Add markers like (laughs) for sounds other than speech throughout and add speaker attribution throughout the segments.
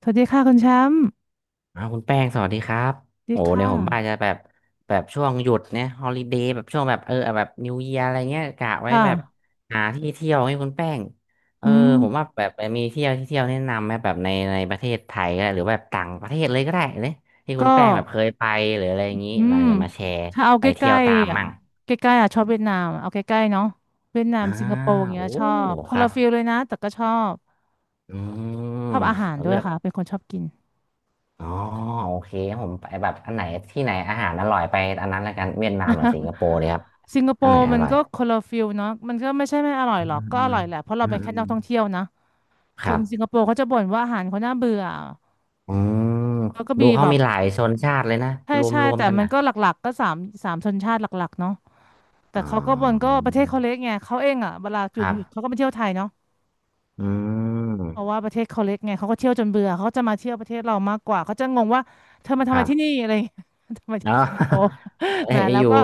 Speaker 1: สวัสดีค่ะคุณแชมป์
Speaker 2: อ้าวคุณแป้งสวัสดีครับ
Speaker 1: สวัสดี
Speaker 2: โอ้เนี่
Speaker 1: ค่ะ
Speaker 2: ยผมว่าจะแบบแบบช่วงหยุดเนี่ยฮอลิเดย์แบบช่วงแบบแบบนิวเยียอะไรเงี้ยกะไว้
Speaker 1: ค่ะ
Speaker 2: แบบหาที่เที่ยวให้คุณแป้งเออ
Speaker 1: อืม
Speaker 2: ผมว่าแบบมีเที่ยวที่เที่ยวแนะนำไหมแบบในประเทศไทยก็ได้หรือแบบต่างประเทศเลยก็ได้เลยที่คุ
Speaker 1: ก็
Speaker 2: ณแป้งแบบเคยไปหรืออะไรอย่างนี้
Speaker 1: อื
Speaker 2: เรา
Speaker 1: ม
Speaker 2: จะมาแชร์
Speaker 1: ถ้าเอา
Speaker 2: ไป
Speaker 1: ใก
Speaker 2: เที่ย
Speaker 1: ล้
Speaker 2: วตาม
Speaker 1: ๆอ่ะ
Speaker 2: มั่ง
Speaker 1: ใกล้ๆอ่ะชอบเวียดนามเอาใกล้ๆเนาะเวียดนาม
Speaker 2: อ่า
Speaker 1: สิงคโปร์อย่างเงี้
Speaker 2: โอ้
Speaker 1: ยชอบค
Speaker 2: ค
Speaker 1: น
Speaker 2: รั
Speaker 1: ละ
Speaker 2: บ
Speaker 1: ฟิลเลยนะแต่ก็ชอบ
Speaker 2: อืม
Speaker 1: ชอบอาหารด้ว
Speaker 2: เลื
Speaker 1: ย
Speaker 2: อก
Speaker 1: ค่ะเป็นคนชอบกิน
Speaker 2: อ๋อโอเคครับผมไปแบบอันไหนที่ไหนอาหารอร่อยไปอันนั้นละกันเวียดนามหรือสิงคโปร์เลยครับ
Speaker 1: สิงคโป
Speaker 2: อันไหน
Speaker 1: ร์
Speaker 2: อ
Speaker 1: มัน
Speaker 2: ร่อย
Speaker 1: ก็คนละฟิลเนาะมันก็ไม่ใช่ไม่อร่อย
Speaker 2: อืม
Speaker 1: หรอกก็
Speaker 2: อื
Speaker 1: อ
Speaker 2: ม
Speaker 1: ร่อยแหละเพราะเรา
Speaker 2: อืม
Speaker 1: เป็น
Speaker 2: อื
Speaker 1: แค่
Speaker 2: ม
Speaker 1: นักท่องเที่ยวนะ
Speaker 2: ค
Speaker 1: ค
Speaker 2: รั
Speaker 1: นสิงค
Speaker 2: บ
Speaker 1: โปร์เขาจะบ่นว่าอาหารเขาน่าเบื่อ
Speaker 2: อืม
Speaker 1: แล้วก็
Speaker 2: ดู
Speaker 1: มี
Speaker 2: เขา
Speaker 1: แบบ
Speaker 2: มีหลายชนชาติเลยนะ
Speaker 1: ใช่ใช่
Speaker 2: รวม
Speaker 1: แต่
Speaker 2: กัน
Speaker 1: มัน
Speaker 2: นะ
Speaker 1: ก็หลักๆก็สามสามชนชาติหลักๆเนาะ แต่
Speaker 2: อ๋อ
Speaker 1: เขาก็มันก็ประเทศเขาเล็กไงเขาเองอ่ะเวลาห
Speaker 2: ค
Speaker 1: ยุด
Speaker 2: รั
Speaker 1: ห
Speaker 2: บ
Speaker 1: ยุดเขาก็มาเที่ยวไทยเนาะ
Speaker 2: อื
Speaker 1: เพราะว่า
Speaker 2: ม
Speaker 1: ประเทศเขาเล็กไงเขาก็เที่ยวจนเบื่อเขาก็จะมาเที่ยวประเทศเรามากกว่าเขาจะงงว่าเธอมาทำ
Speaker 2: ค
Speaker 1: ไม
Speaker 2: รั
Speaker 1: ที่นี่
Speaker 2: บ
Speaker 1: อะไรอย่างเงี้ย (laughs) ทำไมที่
Speaker 2: เนาะ
Speaker 1: สิงคโปร์
Speaker 2: (laughs) เอ้
Speaker 1: (laughs) แหม
Speaker 2: ย
Speaker 1: แล้
Speaker 2: อ
Speaker 1: ว
Speaker 2: ยู่
Speaker 1: ก็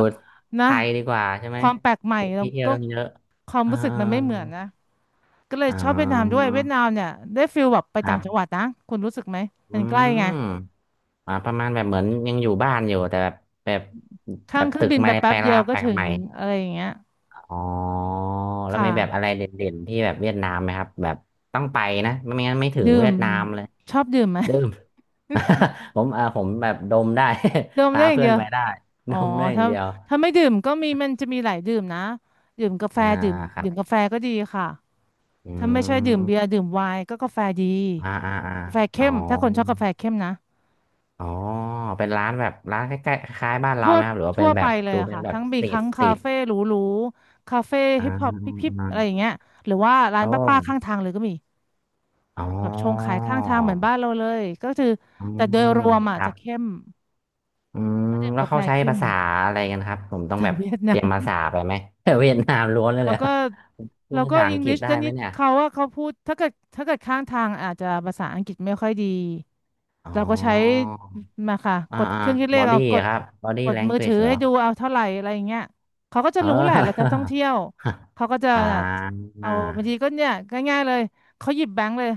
Speaker 1: นะ
Speaker 2: ไทยดีกว่าใช่ไหม
Speaker 1: ความแปลกใหม่แล้ว
Speaker 2: ที่เที่ยว
Speaker 1: ก็
Speaker 2: ต้องเยอะ
Speaker 1: ความ
Speaker 2: อ่า
Speaker 1: รู้สึก
Speaker 2: อ่า
Speaker 1: มันไม่เหมือนนะก็เลย
Speaker 2: อ่
Speaker 1: ชอบเวียดนามด้ว
Speaker 2: า
Speaker 1: ยเวียดนามเนี่ยได้ฟิลแบบไป
Speaker 2: ค
Speaker 1: ต่า
Speaker 2: รั
Speaker 1: งจังหวั
Speaker 2: บ
Speaker 1: ดนะคุณรู้สึกไหม
Speaker 2: อื
Speaker 1: มันใกล้
Speaker 2: ม
Speaker 1: ไง
Speaker 2: อ่าประมาณแบบเหมือนยังอยู่บ้านอยู่แต่แบบแบบแบ
Speaker 1: ข้าง
Speaker 2: บ
Speaker 1: เครื่อ
Speaker 2: ตึ
Speaker 1: ง
Speaker 2: ก
Speaker 1: บินไป
Speaker 2: ไม่
Speaker 1: แป๊
Speaker 2: ไป
Speaker 1: บเดี
Speaker 2: ลา
Speaker 1: ยว
Speaker 2: ไป
Speaker 1: ก็ถึ
Speaker 2: ให
Speaker 1: ง
Speaker 2: ม่
Speaker 1: อะไรอย่างเงี้ย
Speaker 2: อ๋อแล้ว
Speaker 1: ค่ะ
Speaker 2: มีแบบอะไรเด่นๆที่แบบเวียดนามไหมครับแบบต้องไปนะไม่งั้นไม่ถึง
Speaker 1: ดื่
Speaker 2: เวี
Speaker 1: ม
Speaker 2: ยดนามเลย
Speaker 1: ชอบดื่มไหม
Speaker 2: ดื่ม (laughs) ผมเอ่าผมแบบดมได้
Speaker 1: (laughs) ดื่
Speaker 2: (laughs)
Speaker 1: มได้
Speaker 2: พา
Speaker 1: อย่าง
Speaker 2: เพื่อ
Speaker 1: เดี
Speaker 2: น
Speaker 1: ยว
Speaker 2: ไปได้
Speaker 1: อ๋
Speaker 2: ด
Speaker 1: อ
Speaker 2: มได้อย่า
Speaker 1: ถ้า
Speaker 2: งเดียว
Speaker 1: ถ้าไม่ดื่มก็มีมันจะมีหลายดื่มนะดื่มกาแฟ
Speaker 2: อ่า
Speaker 1: ดื่ม
Speaker 2: ครั
Speaker 1: ดื่
Speaker 2: บ
Speaker 1: มกาแฟก็ดีค่ะ
Speaker 2: อื
Speaker 1: ถ้าไม่ใช่ดื่มเบีย
Speaker 2: ม
Speaker 1: ร์ดื่มไวน์ก็กาแฟดี
Speaker 2: อ่าอ่าอ่า
Speaker 1: กาแฟ
Speaker 2: อ๋อ
Speaker 1: เข้มถ้าคนชอบกาแฟเข้มนะ
Speaker 2: อ๋อเป็นร้านแบบร้านใกล้ๆคล้ายๆบ้านเรา
Speaker 1: ทั่ว
Speaker 2: ไหมครับหรือว่าเป็
Speaker 1: ทั่
Speaker 2: น
Speaker 1: ว
Speaker 2: แบ
Speaker 1: ไป
Speaker 2: บ
Speaker 1: เลย
Speaker 2: ดู
Speaker 1: อะ
Speaker 2: เป็น
Speaker 1: ค่ะ
Speaker 2: แบบ
Speaker 1: ทั้งมีทั้ง
Speaker 2: สต
Speaker 1: คา
Speaker 2: รีท
Speaker 1: เฟ่หรูๆคาเฟ่
Speaker 2: อ่า
Speaker 1: ฮิปฮอป
Speaker 2: อ่า
Speaker 1: พิบๆ
Speaker 2: อ่า
Speaker 1: อะไรอย่างเงี้ยหรือว่าร้าน
Speaker 2: โอ้
Speaker 1: ป้าๆข้างทางเลยก็มี
Speaker 2: อ๋
Speaker 1: แบบชง
Speaker 2: อ
Speaker 1: ขายข้างทางเหมือนบ้านเราเลยก็คือ
Speaker 2: อื
Speaker 1: แต่โดย
Speaker 2: ม
Speaker 1: รวม
Speaker 2: ค
Speaker 1: อะ
Speaker 2: รั
Speaker 1: จะ
Speaker 2: บ
Speaker 1: เข้ม
Speaker 2: อืม
Speaker 1: เขาดื่ม
Speaker 2: แล้ว
Speaker 1: กาแฟ
Speaker 2: เขาใช้
Speaker 1: เข้ม
Speaker 2: ภาษาอะไรกันครับผมต้อง
Speaker 1: จา
Speaker 2: แบ
Speaker 1: ก
Speaker 2: บ
Speaker 1: เวียด
Speaker 2: เต
Speaker 1: นา
Speaker 2: รียม
Speaker 1: ม
Speaker 2: ภาษาไปไหม (laughs) เวียดนามล้วน
Speaker 1: แล้
Speaker 2: เล
Speaker 1: ว
Speaker 2: ย
Speaker 1: ก็
Speaker 2: พู
Speaker 1: แล้
Speaker 2: ด
Speaker 1: ว
Speaker 2: ภา
Speaker 1: ก็
Speaker 2: ษาอั
Speaker 1: อั
Speaker 2: ง
Speaker 1: ง
Speaker 2: ก
Speaker 1: ก
Speaker 2: ฤ
Speaker 1: ฤ
Speaker 2: ษ
Speaker 1: ษ
Speaker 2: ได้
Speaker 1: แต่
Speaker 2: ไหม
Speaker 1: นิด
Speaker 2: เนี่ย
Speaker 1: เขาว่าเขาพูดถ้าเกิดข้างทางอาจจะภาษาอังกฤษไม่ค่อยดี
Speaker 2: อ๋อ
Speaker 1: เราก็ใช้มาค่ะ
Speaker 2: อ่า
Speaker 1: กด
Speaker 2: อ่า
Speaker 1: เครื่องคิดเล
Speaker 2: บอ
Speaker 1: ขเอา
Speaker 2: ดี้
Speaker 1: กด
Speaker 2: ครับบอดี้
Speaker 1: กด
Speaker 2: แลง
Speaker 1: มือ
Speaker 2: u a
Speaker 1: ถื
Speaker 2: g
Speaker 1: อ
Speaker 2: e เหร
Speaker 1: ให้
Speaker 2: อ
Speaker 1: ดูเอาเท่าไหร่อะไรอย่างเงี้ยเขาก็จะ
Speaker 2: เอ
Speaker 1: รู้แหละเราจะ
Speaker 2: อ
Speaker 1: ท่องเที่ยว
Speaker 2: (laughs)
Speaker 1: เขาก็จะ
Speaker 2: อ่า
Speaker 1: เอาบางทีก็เนี่ยง่ายๆเลยเขาหยิบแบงค์เลย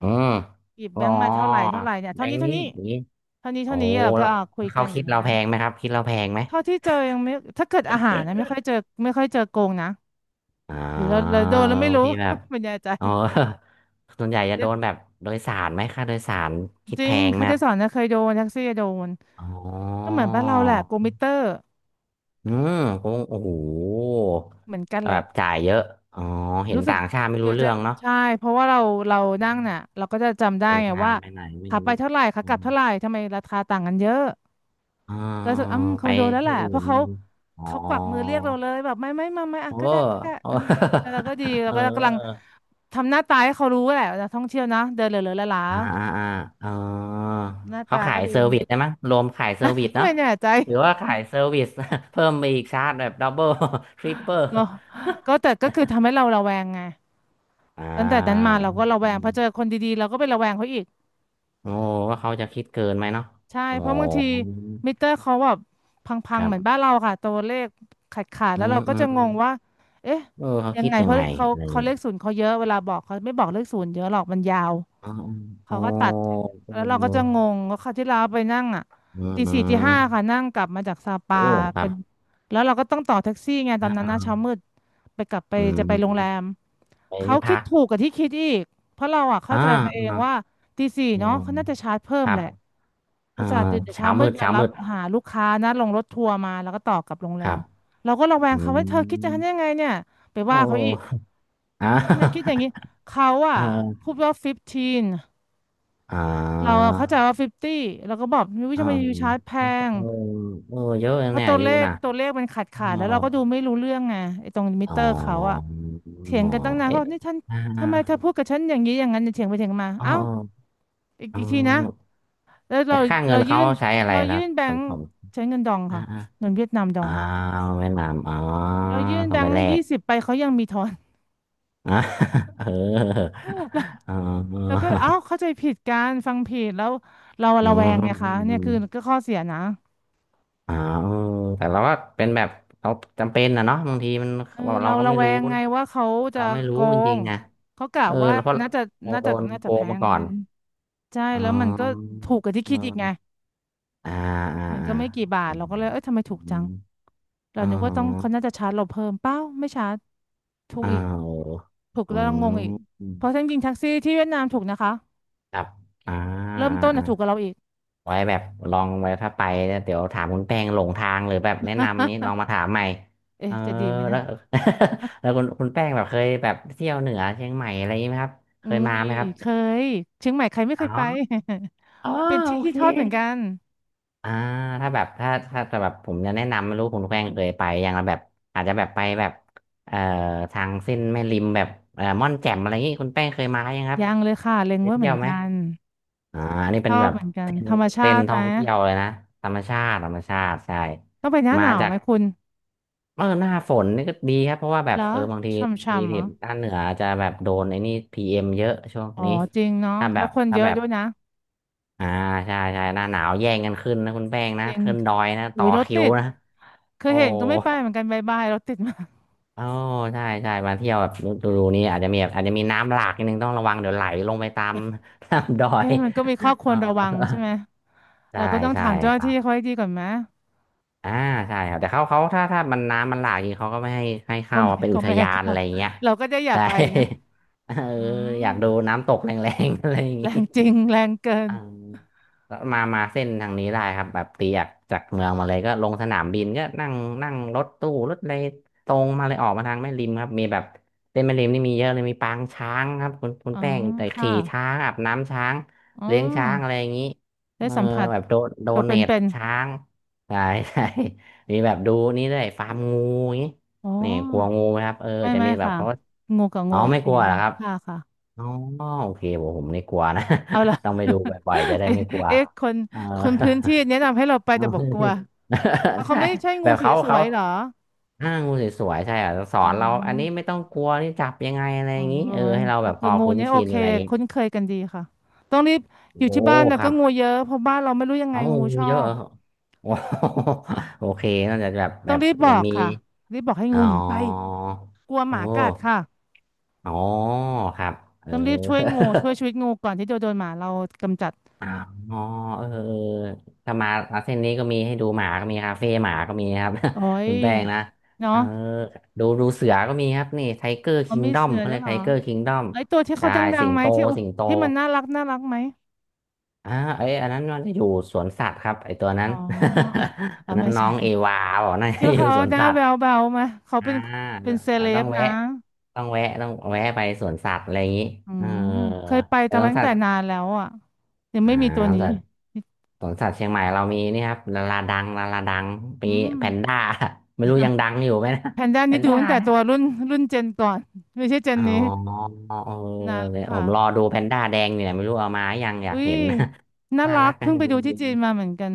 Speaker 2: อืม
Speaker 1: หยิบ
Speaker 2: อ๋
Speaker 1: แบงค์มาเท่าไหร่
Speaker 2: อ
Speaker 1: เท่าไหร่เนี่ย
Speaker 2: แบ
Speaker 1: เท่า
Speaker 2: ง
Speaker 1: นี้
Speaker 2: ค์
Speaker 1: เท่า
Speaker 2: นี้
Speaker 1: นี้
Speaker 2: อย่างนี้
Speaker 1: เท่านี้
Speaker 2: โอ้
Speaker 1: เท่านี้เราก็
Speaker 2: แล้ว
Speaker 1: เอาคุย
Speaker 2: เขา
Speaker 1: กันอ
Speaker 2: คิ
Speaker 1: ย่าง
Speaker 2: ด
Speaker 1: เงี้
Speaker 2: เรา
Speaker 1: ย
Speaker 2: แพงไหมครับ คิดเราแพงไหม
Speaker 1: เท่าที่เจอยังไม่ถ้าเกิดอาหารนะไม่ค่อยเจอไม่ค่อยเจอโกงนะ
Speaker 2: อ๋
Speaker 1: หรือเรา
Speaker 2: อ
Speaker 1: โดนแล้วไม่รู้
Speaker 2: ที่แบบ
Speaker 1: (laughs) ไม่แน่ใจ
Speaker 2: อ๋อ (laughs) ส่วนใหญ่จะโด
Speaker 1: เนี่ย
Speaker 2: นแบบโดยสารไหมค่าโดยสารคิด
Speaker 1: จริ
Speaker 2: แพ
Speaker 1: ง
Speaker 2: งไหม
Speaker 1: เขา
Speaker 2: ค
Speaker 1: จะ
Speaker 2: รับ
Speaker 1: สอนนะเคยโดนแท็กซี่โดน
Speaker 2: อ๋อ
Speaker 1: ก็เหมือนบ้านเราแหละโกมิเตอร์
Speaker 2: อืมคงโอ้โห
Speaker 1: เหมือนกัน
Speaker 2: แบ
Speaker 1: แหละ
Speaker 2: บจ่ายเยอะอ๋อเห็น
Speaker 1: รู้สึก
Speaker 2: ต่างชาติไม่
Speaker 1: เธอ
Speaker 2: รู้เรื่
Speaker 1: จะ
Speaker 2: องเนาะ
Speaker 1: ใช่เพราะว่าเราเรานั่ง
Speaker 2: อืม
Speaker 1: น่ะเราก็จะจำได้
Speaker 2: เดิน
Speaker 1: ไง
Speaker 2: ทาง
Speaker 1: ว่า
Speaker 2: ไปไหนไม่
Speaker 1: ขาไป
Speaker 2: รู้
Speaker 1: เท่าไหร่ขา
Speaker 2: อื
Speaker 1: กลับ
Speaker 2: ม
Speaker 1: เท่าไหร่ทำไมราคาต่างกันเยอะ
Speaker 2: อ๋อ
Speaker 1: ก็รู้สึกอ้ำค
Speaker 2: ไป
Speaker 1: งโดนแล้วแห
Speaker 2: ที่
Speaker 1: ละ
Speaker 2: อื่
Speaker 1: เพราะ
Speaker 2: น
Speaker 1: เขา
Speaker 2: อ๋อ
Speaker 1: เขากวักมือเรียกเราเลยแบบไม่ไม่มาไม่อ่ะ
Speaker 2: โอ้
Speaker 1: ก็ได้ก็ได้
Speaker 2: โอ้
Speaker 1: อ่ะแล้วเราก็ดี
Speaker 2: (laughs)
Speaker 1: เรา
Speaker 2: เออ
Speaker 1: ก็กำลังทำหน้าตาให้เขารู้แหละว่านักท่องเที่ยวนะเดินเหลือๆหลา
Speaker 2: อ่าอ่าอ่าเออ
Speaker 1: ๆหน้า
Speaker 2: เขา
Speaker 1: ตา
Speaker 2: ขา
Speaker 1: ก็
Speaker 2: ย
Speaker 1: ดู
Speaker 2: เซอร์วิสได้มั้งรวมขายเซอร์วิส
Speaker 1: (laughs)
Speaker 2: เนาะ
Speaker 1: ไม่แน่ใจ
Speaker 2: หรือว่าขายเซอร์วิส (laughs) เพิ่มไปอีกชาร์จแบบดับเบิลทริปเปอร์
Speaker 1: ก็ก็แต่ก็คือทำให้เราระแวงไง
Speaker 2: (laughs) อ่
Speaker 1: ตั้งแต่นั้นมา
Speaker 2: า
Speaker 1: เราก็ระแว
Speaker 2: อื
Speaker 1: งพอ
Speaker 2: ม
Speaker 1: เจอคนดีๆเราก็ไประแวงเขาอีก
Speaker 2: โอ้ว่าเขาจะคิดเกินไหมเนาะ
Speaker 1: ใช่
Speaker 2: อ๋อ
Speaker 1: เพราะบางทีมิเตอร์เขาแบบพั
Speaker 2: ค
Speaker 1: งๆ
Speaker 2: รั
Speaker 1: เหมือนบ้าน
Speaker 2: บ
Speaker 1: เราค่ะตัวเลขขาดๆ
Speaker 2: อื
Speaker 1: แล้ว
Speaker 2: ม
Speaker 1: เราก็
Speaker 2: อืม
Speaker 1: จะ
Speaker 2: อื
Speaker 1: งง
Speaker 2: ม
Speaker 1: ว่าเอ๊ะ
Speaker 2: เออเขา
Speaker 1: ยัง
Speaker 2: คิด
Speaker 1: ไง
Speaker 2: ยั
Speaker 1: เพ
Speaker 2: ง
Speaker 1: ราะ
Speaker 2: ไง
Speaker 1: เขา
Speaker 2: อะไรอย่าง
Speaker 1: เขา
Speaker 2: งี้
Speaker 1: เลขศูนย์เขาเยอะเวลาบอกเขาไม่บอกเลขศูนย์เยอะหรอกมันยาว
Speaker 2: อ๋ออ๋
Speaker 1: เขา
Speaker 2: อ
Speaker 1: ก็ตั
Speaker 2: โอ
Speaker 1: อ๋อตัดแล้วเราก็จะง
Speaker 2: ้
Speaker 1: งว่าคราวที่เราไปนั่งอ่ะ
Speaker 2: อืม
Speaker 1: ตี
Speaker 2: อื
Speaker 1: สี่ตีห้า
Speaker 2: ม
Speaker 1: ค่ะนั่งกลับมาจากซา
Speaker 2: โอ้
Speaker 1: ปา
Speaker 2: ครั
Speaker 1: เป็
Speaker 2: บ
Speaker 1: นแล้วเราก็ต้องต่อแท็กซี่ไงตอ
Speaker 2: อ่า
Speaker 1: นนั้นนะ
Speaker 2: อ่า
Speaker 1: เช้ามืดไปกลับไป
Speaker 2: อื
Speaker 1: จะไปโรงแร
Speaker 2: ม
Speaker 1: ม
Speaker 2: ไป
Speaker 1: เขา
Speaker 2: ที่
Speaker 1: คิ
Speaker 2: พั
Speaker 1: ด
Speaker 2: ก
Speaker 1: ถูกกับที่คิดอีกเพราะเราอ่ะเข้า
Speaker 2: อ่า
Speaker 1: ใจไปเอง
Speaker 2: อ่า
Speaker 1: ว่าตีสี่
Speaker 2: อื
Speaker 1: เนาะ
Speaker 2: ม
Speaker 1: เขาน่าจะชาร์จเพิ่
Speaker 2: ค
Speaker 1: ม
Speaker 2: รั
Speaker 1: แห
Speaker 2: บ
Speaker 1: ละอุ
Speaker 2: อ่า
Speaker 1: ตส่าห์ตื่นแต่เช้า
Speaker 2: เช้า
Speaker 1: มื
Speaker 2: มื
Speaker 1: ด
Speaker 2: ด
Speaker 1: มา
Speaker 2: เช้า
Speaker 1: รั
Speaker 2: มื
Speaker 1: บ
Speaker 2: ด
Speaker 1: หาลูกค้านะลงรถทัวร์มาแล้วก็ต่อกลับโรงแร
Speaker 2: ครั
Speaker 1: ม
Speaker 2: บ
Speaker 1: เราก็ระแว
Speaker 2: อื
Speaker 1: งเขาว่าเธอคิดจะ
Speaker 2: ม
Speaker 1: ทำยังไงเนี่ยไป
Speaker 2: โอ
Speaker 1: ว่าเขาอีก
Speaker 2: ้ (laughs) อ่า
Speaker 1: ทำไมคิดอย่างนี้เขา
Speaker 2: เ
Speaker 1: อ่ะ
Speaker 2: ออ
Speaker 1: พูดว่า15
Speaker 2: อ่
Speaker 1: เรา
Speaker 2: า
Speaker 1: เข้าใจว่าฟิฟตี้เราก็บอกวิว
Speaker 2: เออ
Speaker 1: ทำไมยูชาร์จแพ
Speaker 2: เออ
Speaker 1: ง
Speaker 2: เออเยอะเลย
Speaker 1: เพราะ
Speaker 2: เนี่ย
Speaker 1: ตั
Speaker 2: อา
Speaker 1: วเล
Speaker 2: ยู่
Speaker 1: ข
Speaker 2: นะ
Speaker 1: ตัวเลขมันขาด
Speaker 2: เออ
Speaker 1: ขาดแล้วเราก็ดูไม่รู้เรื่องไงไอ้ตรงมิ
Speaker 2: อ๋อ
Speaker 1: เตอร์เขาอะเถียง
Speaker 2: อ๋อ
Speaker 1: กันตั้งนานก็
Speaker 2: เอ๊ะ
Speaker 1: บอกนี่ท่าน
Speaker 2: อ่า
Speaker 1: ทำไมเธอพูดกับฉันอย่างนี้อย่างนั้นเถียงไปเถียงมา
Speaker 2: เ
Speaker 1: เอ้า
Speaker 2: ออ
Speaker 1: อีก
Speaker 2: เอ
Speaker 1: อีกทีนะ
Speaker 2: อ
Speaker 1: แล้ว
Speaker 2: ไป
Speaker 1: เรา
Speaker 2: ค่าเงิ
Speaker 1: เรา
Speaker 2: น
Speaker 1: ยื่
Speaker 2: เขา
Speaker 1: น
Speaker 2: ใช้อะไร
Speaker 1: เรา
Speaker 2: ค
Speaker 1: ยื่
Speaker 2: รับ
Speaker 1: นแบ
Speaker 2: ส
Speaker 1: ง
Speaker 2: ม
Speaker 1: ค์
Speaker 2: ผม
Speaker 1: ใช้เงินดอง
Speaker 2: อ่า
Speaker 1: ค่ะ
Speaker 2: อ่า
Speaker 1: เงินเวียดนามดอ
Speaker 2: อ่า
Speaker 1: ง
Speaker 2: เวียดนามอ๋อ
Speaker 1: เรายื่น
Speaker 2: ต้
Speaker 1: แบ
Speaker 2: องไป
Speaker 1: งค์
Speaker 2: แลก
Speaker 1: 20ไปเขายังมีทอน
Speaker 2: (laughs) อ่าเออ
Speaker 1: (laughs) เรา
Speaker 2: เ
Speaker 1: เรา
Speaker 2: ออ
Speaker 1: ก็เอ้าเข้าใจผิดกันฟังผิดแล้วเรา
Speaker 2: อื
Speaker 1: ระ
Speaker 2: ม
Speaker 1: แวงไง
Speaker 2: อื
Speaker 1: คะ
Speaker 2: มอื
Speaker 1: เนี่ย
Speaker 2: ม
Speaker 1: คือก็ข้อเสียนะ
Speaker 2: อ่าเออแต่เราก็เป็นแบบเราจำเป็นนะเนาะบางทีมัน
Speaker 1: เออ
Speaker 2: เรา
Speaker 1: เรา
Speaker 2: ก็
Speaker 1: ระ
Speaker 2: ไม่
Speaker 1: แว
Speaker 2: รู้
Speaker 1: งไงว่าเขาจะ
Speaker 2: เราไม่
Speaker 1: โก
Speaker 2: รู้จริ
Speaker 1: ง
Speaker 2: งๆนะ
Speaker 1: เขากะ
Speaker 2: เออ
Speaker 1: ว่า
Speaker 2: แล้วเพ
Speaker 1: มัน
Speaker 2: ราะ
Speaker 1: น่าจะ
Speaker 2: เรา
Speaker 1: น่า
Speaker 2: โด
Speaker 1: จะ
Speaker 2: น
Speaker 1: น่า
Speaker 2: โก
Speaker 1: จะแพ
Speaker 2: งมา
Speaker 1: ง
Speaker 2: ก่อ
Speaker 1: มั
Speaker 2: น
Speaker 1: นใช่
Speaker 2: อ๋อ
Speaker 1: แล้วมันก็ถูกกว่าที่
Speaker 2: เอ
Speaker 1: คิดอีกไง
Speaker 2: ออ่าอ่า
Speaker 1: มัน
Speaker 2: อ่า
Speaker 1: ก็ไม่กี่บาท
Speaker 2: อื
Speaker 1: เรา
Speaker 2: ม
Speaker 1: ก็เลยเอ้ยทำไมถูก
Speaker 2: อื
Speaker 1: จัง
Speaker 2: ม
Speaker 1: เรา
Speaker 2: อ๋อ
Speaker 1: นึกว่าต้องเขาน่าจะชาร์จเราเพิ่มเปล่าไม่ชาร์จถูก
Speaker 2: อ้า
Speaker 1: อีก
Speaker 2: ว
Speaker 1: ถูก
Speaker 2: อื
Speaker 1: แล้วเรางงอีก
Speaker 2: ม
Speaker 1: เพราะจริงๆแท็กซี่ที่เวียดนามถูกนะคะ
Speaker 2: ครับอ่า
Speaker 1: เริ่ม
Speaker 2: อ่า
Speaker 1: ต้น
Speaker 2: อ่า
Speaker 1: น่ะถูกกว่าเราอีก
Speaker 2: ไว้แบบลองไว้ถ้าไปเนี่ยเดี๋ยวถามคุณแป้งหลงทางหรือแบบแนะนำนี้ลอ
Speaker 1: (laughs)
Speaker 2: งมาถามใหม่เอ
Speaker 1: เอ๊ะ
Speaker 2: อ
Speaker 1: จะดีไหมนะ
Speaker 2: แล้ว (laughs) แล้วคุณแป้งแบบเคยแบบเที่ยวเหนือเชียงใหม่อะไรอย่างนี้ไหมครับเค
Speaker 1: อุ้
Speaker 2: ยมา
Speaker 1: ย
Speaker 2: ไหมครับ
Speaker 1: เคยเชียงใหม่ใครไม่เค
Speaker 2: อ๋อ
Speaker 1: ยไป
Speaker 2: อ๋อ
Speaker 1: (laughs) มันเป็นที่
Speaker 2: โอ
Speaker 1: ที่
Speaker 2: เค
Speaker 1: ทอดเหมือนกัน
Speaker 2: อ่าถ้าแบบถ้าแต่แบบผมจะแนะนำไม่รู้คุณแป้งเคยไปอยางละแบบอาจจะแบบไปแบบเอ่อทางเส้นแม่ริมแบบม่อนแจ่มอะไรอย่างนี้คุณแป้งเคยมายังครับ
Speaker 1: ยังเลยค่ะเล็ง
Speaker 2: เคย
Speaker 1: ไว้เห
Speaker 2: เที่
Speaker 1: มื
Speaker 2: ย
Speaker 1: อ
Speaker 2: ว
Speaker 1: น
Speaker 2: ไหม
Speaker 1: กัน
Speaker 2: อ่าอันนี้
Speaker 1: ช
Speaker 2: เป็น
Speaker 1: อ
Speaker 2: แบ
Speaker 1: บ
Speaker 2: บ
Speaker 1: เหมือนกัน
Speaker 2: เต้น
Speaker 1: ธรรม
Speaker 2: เท
Speaker 1: ชา
Speaker 2: รน
Speaker 1: ติ
Speaker 2: ท่
Speaker 1: ไหม
Speaker 2: องเที่ยวเลยนะธรรมชาติธรรมชาติใช่
Speaker 1: ต้องไปหน้าห
Speaker 2: มา
Speaker 1: นาว
Speaker 2: จา
Speaker 1: ไหม
Speaker 2: ก
Speaker 1: คุณ
Speaker 2: เออหน้าฝนนี่ก็ดีครับเพราะว่าแบบ
Speaker 1: แล้
Speaker 2: เอ
Speaker 1: ว
Speaker 2: อบางที
Speaker 1: ช
Speaker 2: ที
Speaker 1: ่ำๆเหรอ
Speaker 2: ถิ่นด้านเหนือจะแบบโดนไอ้นี่พีเอ็มเยอะช่วง
Speaker 1: อ๋อ
Speaker 2: นี้
Speaker 1: จริงเนาะ
Speaker 2: ถ้าแบ
Speaker 1: แล้ว
Speaker 2: บ
Speaker 1: คนเยอะด้วยนะ
Speaker 2: อ่าใช่ใช่หน้าหนาวแย่งกันขึ้นนะคุณแป้งนะ
Speaker 1: จริง
Speaker 2: ขึ้นดอยนะ
Speaker 1: อุ้
Speaker 2: ต่อ
Speaker 1: ยรถ
Speaker 2: คิ
Speaker 1: ติ
Speaker 2: ว
Speaker 1: ด
Speaker 2: นะ
Speaker 1: เคย
Speaker 2: โอ้
Speaker 1: เห็นก็ไม่ไปเหมือนกันบายบายรถติดมาก (laughs)
Speaker 2: อ๋อใช่ใช่มาเที่ยวแบบดูนี่อาจจะมีแบบอาจจะมีน้ำหลากนิดนึงต้องระวังเดี๋ยวไหลลงไปตามดอย
Speaker 1: เอ๊ะมันก็มีข้อค
Speaker 2: (laughs)
Speaker 1: ว
Speaker 2: อ๋อ
Speaker 1: รระวังใช่ไหม
Speaker 2: ใช่
Speaker 1: เราก็ต้อง
Speaker 2: ใช่
Speaker 1: ถามเจ้าห
Speaker 2: ค
Speaker 1: น้า
Speaker 2: รั
Speaker 1: ที่
Speaker 2: บ
Speaker 1: เขาให้ดีก่อนไหม
Speaker 2: อ่าใช่ครับแต่เขาถ้ามันน้ำมันหลากจริงเขาก็ไม่ให้ให้
Speaker 1: ก็
Speaker 2: เข้า
Speaker 1: ไม่
Speaker 2: เป็น
Speaker 1: ก็
Speaker 2: อุท
Speaker 1: ไม่ให้
Speaker 2: ยาน
Speaker 1: เขา
Speaker 2: อะไรอย่างเงี้ย
Speaker 1: (laughs) เราก็จะอย่า
Speaker 2: ใช่
Speaker 1: ไปนะ
Speaker 2: (laughs) เออ
Speaker 1: อื
Speaker 2: อยา
Speaker 1: ม
Speaker 2: กดูน้ำตกแรงๆอะไรอย่าง
Speaker 1: แร
Speaker 2: งี้
Speaker 1: งจริงแรงเกิน
Speaker 2: อ่าแล้วมาเส้นทางนี้ได้ครับแบบตีจากเมืองมาเลยก็ลงสนามบินก็นั่งนั่งรถตู้รถอะไรตรงมาเลยออกมาทางแม่ริมครับมีแบบเส้นแม่ริมนี่มีเยอะเลยมีปางช้างครับคุณ
Speaker 1: อ๋อ
Speaker 2: แป้งแต่
Speaker 1: ค่ะ
Speaker 2: ขี่ช้างอาบน้ำช้าง
Speaker 1: อ๋อ
Speaker 2: เลี้ยงช้างอะไรอย่างนี้เอ
Speaker 1: ได้
Speaker 2: อ
Speaker 1: สัมผัส
Speaker 2: แบบโด
Speaker 1: ตัวเ
Speaker 2: เนท
Speaker 1: ป็น
Speaker 2: ช้างใช่ (laughs) ใช่มีแบบดูนี่ด้วยฟาร์มงูอย่างนี้
Speaker 1: ๆอ๋อ
Speaker 2: นี่กลัวงูไหมครับเออ
Speaker 1: ไม่
Speaker 2: จะ
Speaker 1: ไม่
Speaker 2: มีแบบ
Speaker 1: ค่ะ
Speaker 2: เขา
Speaker 1: งูกับ
Speaker 2: อ๋
Speaker 1: งู
Speaker 2: อ
Speaker 1: โอ
Speaker 2: ไม่
Speaker 1: เค
Speaker 2: กลัวเหรอครับ
Speaker 1: ค่ะค่ะ
Speaker 2: อ๋อโอเคผมนี่กลัวนะ
Speaker 1: เอาล่ะ
Speaker 2: (laughs) ต้องไปดูบ่อยๆจะ
Speaker 1: (laughs)
Speaker 2: ได้
Speaker 1: เอ๊ะ
Speaker 2: ไม่กลัว
Speaker 1: เอ๊ะคน
Speaker 2: เออ
Speaker 1: คนพื้นที่แนะนำให้เราไปแต่บอกกลัวเอา
Speaker 2: (laughs)
Speaker 1: เขา
Speaker 2: ใช่
Speaker 1: ไม่ใช่งู
Speaker 2: แบบ
Speaker 1: ส
Speaker 2: เขา
Speaker 1: ว
Speaker 2: เขา
Speaker 1: ยๆเหรอ
Speaker 2: อ้างูสวยๆใช่อ่ะสอ
Speaker 1: อ๋อ
Speaker 2: นเราอันนี้ไม่ต้องกลัวนี่จับยังไงอะไร
Speaker 1: อ๋
Speaker 2: อ
Speaker 1: อ
Speaker 2: ย่างนี้
Speaker 1: เหรอ
Speaker 2: เออ
Speaker 1: ไหม
Speaker 2: ให้เราแบบพ
Speaker 1: แต่
Speaker 2: อ
Speaker 1: งู
Speaker 2: คุ้น
Speaker 1: เนี้ยโอ
Speaker 2: ชิน
Speaker 1: เค
Speaker 2: อะไรอย่างงี้
Speaker 1: คุ้นเคยกันดีค่ะต้องรีบอยู่
Speaker 2: โอ้
Speaker 1: ที่บ้านนะ
Speaker 2: ครั
Speaker 1: ก็
Speaker 2: บ
Speaker 1: งูเยอะเพราะบ้านเราไม่รู้ยังไง
Speaker 2: เอา
Speaker 1: งูช
Speaker 2: งู
Speaker 1: อ
Speaker 2: เยอะเห
Speaker 1: บ
Speaker 2: รอโอ้โห (laughs) โอเคน่าจะแบบแบ
Speaker 1: ต้อง
Speaker 2: บ
Speaker 1: รีบบ
Speaker 2: ยัง
Speaker 1: อก
Speaker 2: มี
Speaker 1: ค่ะรีบบอกให้
Speaker 2: อ๋อ
Speaker 1: งูหนีไปกลัวห
Speaker 2: โอ้
Speaker 1: มากัดค่ะ
Speaker 2: อ๋อครับเออ
Speaker 1: ต้องรีบช่วยงูช่วยชีวิตงูก่อนที่จะโดนหมาเรากำจัด
Speaker 2: อ๋อเออเออถ้ามาเส้นนี้ก็มีให้ดูหมาก็มีคาเฟ่หมาก็มีครับ
Speaker 1: โอ้
Speaker 2: (laughs)
Speaker 1: ย
Speaker 2: คุณแป้งนะเอ
Speaker 1: เนาะ
Speaker 2: อดูดูเสือก็มีครับนี่ไทเกอร์
Speaker 1: เขา
Speaker 2: คิง
Speaker 1: มี
Speaker 2: ดอม
Speaker 1: เสือ
Speaker 2: เขา
Speaker 1: แล้ว
Speaker 2: เรี
Speaker 1: ย
Speaker 2: ยก
Speaker 1: เหร
Speaker 2: ไท
Speaker 1: อ
Speaker 2: เกอร์คิงดอม
Speaker 1: ไอ้ตัวที่เขา
Speaker 2: ใช่
Speaker 1: ดั
Speaker 2: สิ
Speaker 1: งๆ
Speaker 2: ง
Speaker 1: ไหม
Speaker 2: โต
Speaker 1: ที่อุ
Speaker 2: สิงโต
Speaker 1: ที่มันน่ารักน่ารักไหม
Speaker 2: อ่าเอ้ยอันนั้นมันจะอยู่สวนสัตว์ครับไอตัวนั้
Speaker 1: อ๋อ
Speaker 2: น
Speaker 1: (laughs)
Speaker 2: (laughs)
Speaker 1: อ๋อ
Speaker 2: อันนั้
Speaker 1: ไม่
Speaker 2: นน้
Speaker 1: ใช่
Speaker 2: องเอวาบอกน่ะ
Speaker 1: ที่า
Speaker 2: (laughs) อยู่
Speaker 1: เขา
Speaker 2: สวน
Speaker 1: หน้า
Speaker 2: สัต
Speaker 1: แบ
Speaker 2: ว์
Speaker 1: ๊วๆมาเขา
Speaker 2: อ่า
Speaker 1: เป็นเป็นเซ
Speaker 2: อ่า
Speaker 1: เล
Speaker 2: ต้อ
Speaker 1: บ
Speaker 2: งแวะ
Speaker 1: นะ
Speaker 2: ต้องแวะไปสวนสัตว์อะไรอย่างนี้
Speaker 1: อื
Speaker 2: เออ
Speaker 1: มเคยไป
Speaker 2: ไป
Speaker 1: แต่
Speaker 2: สวน
Speaker 1: ตั้ง
Speaker 2: สั
Speaker 1: แต่
Speaker 2: ตว์
Speaker 1: นานแล้วอ่ะยัง
Speaker 2: อ่า
Speaker 1: ไม่มีตัวนี้
Speaker 2: สวนสัต่สวนสัตว์เชียงใหม่เรามีนี่ครับลาลาดังลาลาดังมี
Speaker 1: อืม
Speaker 2: แพนด้า (laughs) ไม่รู้ยังดังอยู่ไหมนะ
Speaker 1: แพนด้า
Speaker 2: แพ
Speaker 1: นี่
Speaker 2: น
Speaker 1: ดู
Speaker 2: ด้า
Speaker 1: ตั้งแต่
Speaker 2: เนี่ย
Speaker 1: ตัวรุ่นรุ่นเจนก่อนไม่ใช่เจน
Speaker 2: อ๋อ
Speaker 1: นี้
Speaker 2: เออ
Speaker 1: นานแล้
Speaker 2: เนี่
Speaker 1: ว
Speaker 2: ยผ
Speaker 1: ค่ะ
Speaker 2: มรอดูแพนด้าแดงเนี่ยไม่รู้เอามายังอยา
Speaker 1: อุ้
Speaker 2: ก
Speaker 1: ย
Speaker 2: เห็น (laughs)
Speaker 1: น่า
Speaker 2: น่า
Speaker 1: รั
Speaker 2: รั
Speaker 1: ก
Speaker 2: กนะ
Speaker 1: เพิ่งไป
Speaker 2: เย็
Speaker 1: ดู
Speaker 2: น
Speaker 1: ที่จีน
Speaker 2: เ
Speaker 1: มาเหมือนกัน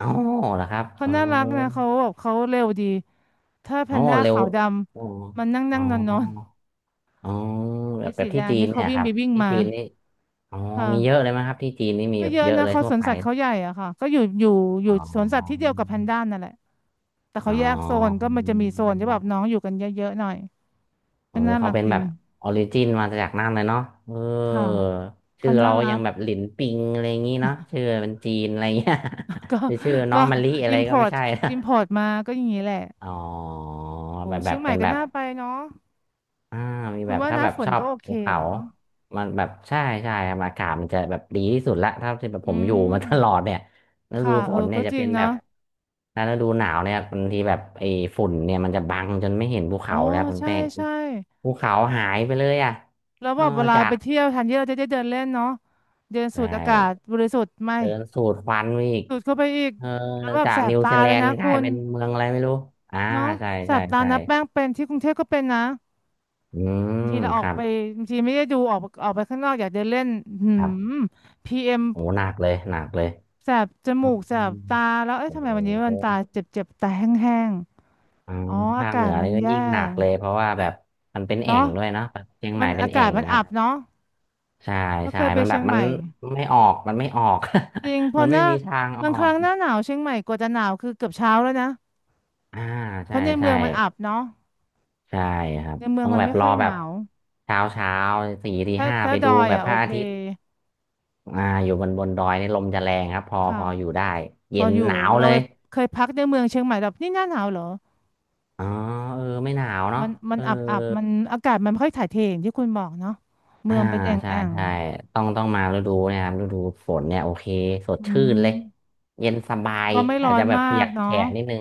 Speaker 2: อ๋อเหรอครับ
Speaker 1: เขา
Speaker 2: เออ
Speaker 1: น่ารักนะเขาแบบเขาเร็วดี ถ้าแพนด้า
Speaker 2: เร็ว
Speaker 1: ขาวด
Speaker 2: อ๋อ
Speaker 1: ำมันนั่ง
Speaker 2: อ๋
Speaker 1: นั่
Speaker 2: อ
Speaker 1: งนอนนอน
Speaker 2: อ๋อแบ
Speaker 1: ไอ้
Speaker 2: บแบ
Speaker 1: สี
Speaker 2: บ
Speaker 1: แด
Speaker 2: ที่
Speaker 1: ง
Speaker 2: จีน
Speaker 1: นี่เขา
Speaker 2: เนี่ย
Speaker 1: วิ่ง
Speaker 2: ครั
Speaker 1: ไป
Speaker 2: บ
Speaker 1: วิ่ง
Speaker 2: ที่
Speaker 1: มา
Speaker 2: จีนนี่อ๋อ
Speaker 1: ค่ะ
Speaker 2: มีเยอะเลยไหมครับที่จีนนี่มี
Speaker 1: ก็
Speaker 2: แบบ
Speaker 1: เยอะ
Speaker 2: เยอะ
Speaker 1: นะ
Speaker 2: เลย
Speaker 1: เขา
Speaker 2: ทั่
Speaker 1: ส
Speaker 2: ว
Speaker 1: วน
Speaker 2: ไป
Speaker 1: สัตว์เขาใหญ่อะค่ะก็อยู่อยู่อยู่
Speaker 2: อ๋
Speaker 1: สวนสัตว์ที่เดี
Speaker 2: อ
Speaker 1: ยวกับแพนด้านั่นแหละแต่
Speaker 2: อ๋
Speaker 1: เขาแยกโซน
Speaker 2: อ
Speaker 1: ก็มันจะมีโซนที่แบบน้องอยู่กันเยอะๆหน่อย
Speaker 2: เอ
Speaker 1: ก็
Speaker 2: อ
Speaker 1: น่า
Speaker 2: เขา
Speaker 1: รัก
Speaker 2: เป็น
Speaker 1: ดี
Speaker 2: แบบออริจินมาจากนั่นเลยเนาะเออ
Speaker 1: ค่ะ
Speaker 2: ชื่
Speaker 1: เขา
Speaker 2: อ
Speaker 1: น่า
Speaker 2: เรา
Speaker 1: รั
Speaker 2: ยัง
Speaker 1: ก
Speaker 2: แบบหลินปิงอะไรอย่างงี้เนาะชื่อเป็นจีนอะไรเงี้ย
Speaker 1: (laughs) ก็
Speaker 2: (laughs) หรือชื่อน้อ
Speaker 1: ก็
Speaker 2: งมะลิอะไรก็ไม่
Speaker 1: import
Speaker 2: ใช่นะ
Speaker 1: import มาก็อย่างนี้แหละ
Speaker 2: อ๋อ
Speaker 1: โอ้
Speaker 2: แบบแบ
Speaker 1: เชีย
Speaker 2: บ
Speaker 1: งใหม่
Speaker 2: เป็น
Speaker 1: ก็
Speaker 2: แบบ
Speaker 1: น่าไปเนาะ
Speaker 2: อ่ามี
Speaker 1: คุ
Speaker 2: แบ
Speaker 1: ณ
Speaker 2: บ
Speaker 1: ว่า
Speaker 2: ถ้า
Speaker 1: หน้า
Speaker 2: แบบ
Speaker 1: ฝ
Speaker 2: ช
Speaker 1: น
Speaker 2: อบ
Speaker 1: ก็โอเค
Speaker 2: ภูเขา
Speaker 1: เหรอ
Speaker 2: มันแบบใช่ใช่ครับอากาศมันจะแบบดีที่สุดละถ้าที่แบบผ
Speaker 1: อื
Speaker 2: มอยู่มา (laughs) ตลอด
Speaker 1: ม
Speaker 2: เนี่ยฤ
Speaker 1: ค่ะ
Speaker 2: ดูฝ
Speaker 1: เออ
Speaker 2: นเนี่
Speaker 1: ก็
Speaker 2: ยจะ
Speaker 1: จริ
Speaker 2: เป็
Speaker 1: ง
Speaker 2: นแบ
Speaker 1: เนาะ
Speaker 2: บถ้าฤดูหนาวเนี่ยบางทีแบบไอ้ฝุ่นเนี่ยมันจะบังจนไม่เห็นภู
Speaker 1: อ๋อ
Speaker 2: เขาแล้วคุณ
Speaker 1: ใช่
Speaker 2: แป้ง
Speaker 1: ใช่
Speaker 2: ภูเขาหายไปเลยอ่ะ
Speaker 1: แล้ว
Speaker 2: เอ
Speaker 1: แบ
Speaker 2: อ
Speaker 1: บเวลา
Speaker 2: จา
Speaker 1: ไป
Speaker 2: ก
Speaker 1: เที่ยวแทนที่เราจะได้เดินเล่นเนาะเดินสู
Speaker 2: ใช่
Speaker 1: ดอากาศบริสุทธิ์ไม่
Speaker 2: เดินสูดควันไปอีก
Speaker 1: ดูดเข้าไปอีก
Speaker 2: เออ
Speaker 1: แล้วแบบ
Speaker 2: จา
Speaker 1: แส
Speaker 2: ก
Speaker 1: บ
Speaker 2: นิว
Speaker 1: ตา
Speaker 2: ซีแล
Speaker 1: เลย
Speaker 2: น
Speaker 1: นะ
Speaker 2: ด์ก
Speaker 1: คุ
Speaker 2: ลาย
Speaker 1: ณ
Speaker 2: เป็นเมืองอะไรไม่รู้อ่า
Speaker 1: เนาะ
Speaker 2: ใช่
Speaker 1: แส
Speaker 2: ใช่
Speaker 1: บตา
Speaker 2: ใช่
Speaker 1: นะแป้งเป็นที่กรุงเทพก็เป็นนะ
Speaker 2: อืม
Speaker 1: บางทีเราอ
Speaker 2: ค
Speaker 1: อก
Speaker 2: รับ
Speaker 1: ไปบางทีไม่ได้ดูออกออกไปข้างนอกอยากเดินเล่นหื
Speaker 2: ครับ
Speaker 1: มPM
Speaker 2: โอ้หนักเลยหนักเลย
Speaker 1: แสบจ
Speaker 2: อื
Speaker 1: มูกแสบ
Speaker 2: ม
Speaker 1: ตาแล้วเอ๊ะ
Speaker 2: โอ้
Speaker 1: ทำไมวันนี้มันตา
Speaker 2: โห
Speaker 1: เจ็บเจ็บตาแห้ง
Speaker 2: อ่า
Speaker 1: ๆอ๋ออา
Speaker 2: ภาค
Speaker 1: กา
Speaker 2: เหนื
Speaker 1: ศ
Speaker 2: อ
Speaker 1: มัน
Speaker 2: นี่ก็
Speaker 1: แย่
Speaker 2: ยิ่งหนักเลยเพราะว่าแบบมันเป็นแอ่ง
Speaker 1: เนาะ
Speaker 2: ด้วยเนาะแบบเชียงให
Speaker 1: มั
Speaker 2: ม่
Speaker 1: น
Speaker 2: เป็น
Speaker 1: อา
Speaker 2: แอ่
Speaker 1: กาศ
Speaker 2: ง
Speaker 1: มัน
Speaker 2: ครับ
Speaker 1: อับเนาะ
Speaker 2: ใช่
Speaker 1: ก็เค
Speaker 2: ใช่
Speaker 1: ยไป
Speaker 2: มันแบ
Speaker 1: เชีย
Speaker 2: บ
Speaker 1: งให
Speaker 2: มัน
Speaker 1: ม่
Speaker 2: ไม่ออกมันไม่ออก
Speaker 1: จริงเพ
Speaker 2: (laughs)
Speaker 1: อ
Speaker 2: มัน
Speaker 1: ห
Speaker 2: ไม่
Speaker 1: น้า
Speaker 2: มีทางอ
Speaker 1: บา
Speaker 2: อ
Speaker 1: งค
Speaker 2: ก
Speaker 1: รั้งหน้าหนาวเชียงใหม่กว่าจะหนาวคือเกือบเช้าแล้วนะ
Speaker 2: อ่า
Speaker 1: เพ
Speaker 2: ใช่
Speaker 1: ราะในเมื
Speaker 2: ใช่
Speaker 1: องมันอับเนาะ
Speaker 2: ใช่ครับ
Speaker 1: ในเมือ
Speaker 2: ต้
Speaker 1: ง
Speaker 2: อง
Speaker 1: มัน
Speaker 2: แบบ
Speaker 1: ไม่
Speaker 2: ร
Speaker 1: ค่
Speaker 2: อ
Speaker 1: อยห
Speaker 2: แบ
Speaker 1: นา
Speaker 2: บ
Speaker 1: ว
Speaker 2: เช้าเช้าสี่ที
Speaker 1: ถ้า
Speaker 2: ห้า
Speaker 1: ถ้า
Speaker 2: ไป
Speaker 1: ด
Speaker 2: ดู
Speaker 1: อย
Speaker 2: แบบ
Speaker 1: อ่ะ
Speaker 2: พ
Speaker 1: โอ
Speaker 2: ระ
Speaker 1: เค
Speaker 2: อาทิตย์อ่าอยู่บนดอยนี่ลมจะแรงครับพอพ
Speaker 1: ค่ะ
Speaker 2: ออยู่ได้
Speaker 1: พ
Speaker 2: เย็
Speaker 1: อ
Speaker 2: น
Speaker 1: อยู่
Speaker 2: หนาว
Speaker 1: เรา
Speaker 2: เล
Speaker 1: ไป
Speaker 2: ย
Speaker 1: เคยพักในเมืองเชียงใหม่แบบนี่หน้าหนาวเหรอ
Speaker 2: อ๋อเออไม่หนาวเนาะ
Speaker 1: มันมั
Speaker 2: เอ
Speaker 1: น
Speaker 2: อ
Speaker 1: อับอับมันอากาศมันไม่ค่อยถ่ายเทอย่างที่คุณบอกเนาะ
Speaker 2: อ่า
Speaker 1: เมืองเป็นแอ่ง
Speaker 2: ใช่
Speaker 1: แอ่ง
Speaker 2: ใช่ต้องมาฤดูเนะครับฤดูฝนเนี่ยโอเคสด
Speaker 1: อื
Speaker 2: ชื่นเลย
Speaker 1: ม
Speaker 2: เย็นสบาย
Speaker 1: ก็ไม่ร้
Speaker 2: อา
Speaker 1: อ
Speaker 2: จจะ
Speaker 1: น
Speaker 2: แบบ
Speaker 1: มา
Speaker 2: เปี
Speaker 1: ก
Speaker 2: ยก
Speaker 1: เนาะ
Speaker 2: แฉะนิดนึง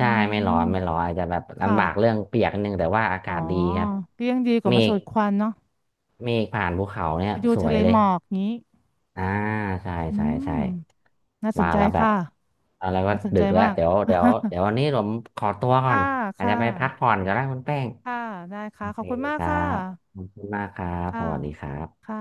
Speaker 1: อื
Speaker 2: ่ไม่ร้อนไม่
Speaker 1: ม
Speaker 2: ร้อนอาจจะแบบ
Speaker 1: ค่ะ
Speaker 2: ลำบากเรื่องเปียกนิดนึงแต่ว่าอา
Speaker 1: อ๋อ
Speaker 2: กาศดีครับ
Speaker 1: ก็ยังดีกว่า
Speaker 2: เม
Speaker 1: มาสู
Speaker 2: ฆ
Speaker 1: ดควันเนาะ
Speaker 2: เมฆผ่านภูเขาเนี่
Speaker 1: ไป
Speaker 2: ย
Speaker 1: ดู
Speaker 2: สว
Speaker 1: ทะ
Speaker 2: ย
Speaker 1: เล
Speaker 2: เล
Speaker 1: ห
Speaker 2: ย
Speaker 1: มอกงี้
Speaker 2: อ่าใช่
Speaker 1: อื
Speaker 2: ใช่ใช่
Speaker 1: มน่าส
Speaker 2: มา
Speaker 1: นใจ
Speaker 2: แล้วแบบ
Speaker 1: ค่ะ
Speaker 2: เอาแล้วก็
Speaker 1: น่าสน
Speaker 2: ดึ
Speaker 1: ใจ
Speaker 2: กแล้ว
Speaker 1: มาก
Speaker 2: เดี๋ยววันนี้ผมขอตัว
Speaker 1: (laughs)
Speaker 2: ก่อ
Speaker 1: ค่ะ
Speaker 2: นอาจ
Speaker 1: ค่
Speaker 2: จะไปพัก
Speaker 1: ะ
Speaker 2: ผ่อนก็ได้คุณแป้ง
Speaker 1: ค่ะได้
Speaker 2: โอ
Speaker 1: ค่ะข
Speaker 2: เค
Speaker 1: อบคุณมา
Speaker 2: ค
Speaker 1: ก
Speaker 2: รั
Speaker 1: ค่ะ
Speaker 2: บขอบคุณมากครับส
Speaker 1: ค่ะ
Speaker 2: วัสดีครับ
Speaker 1: ค่ะ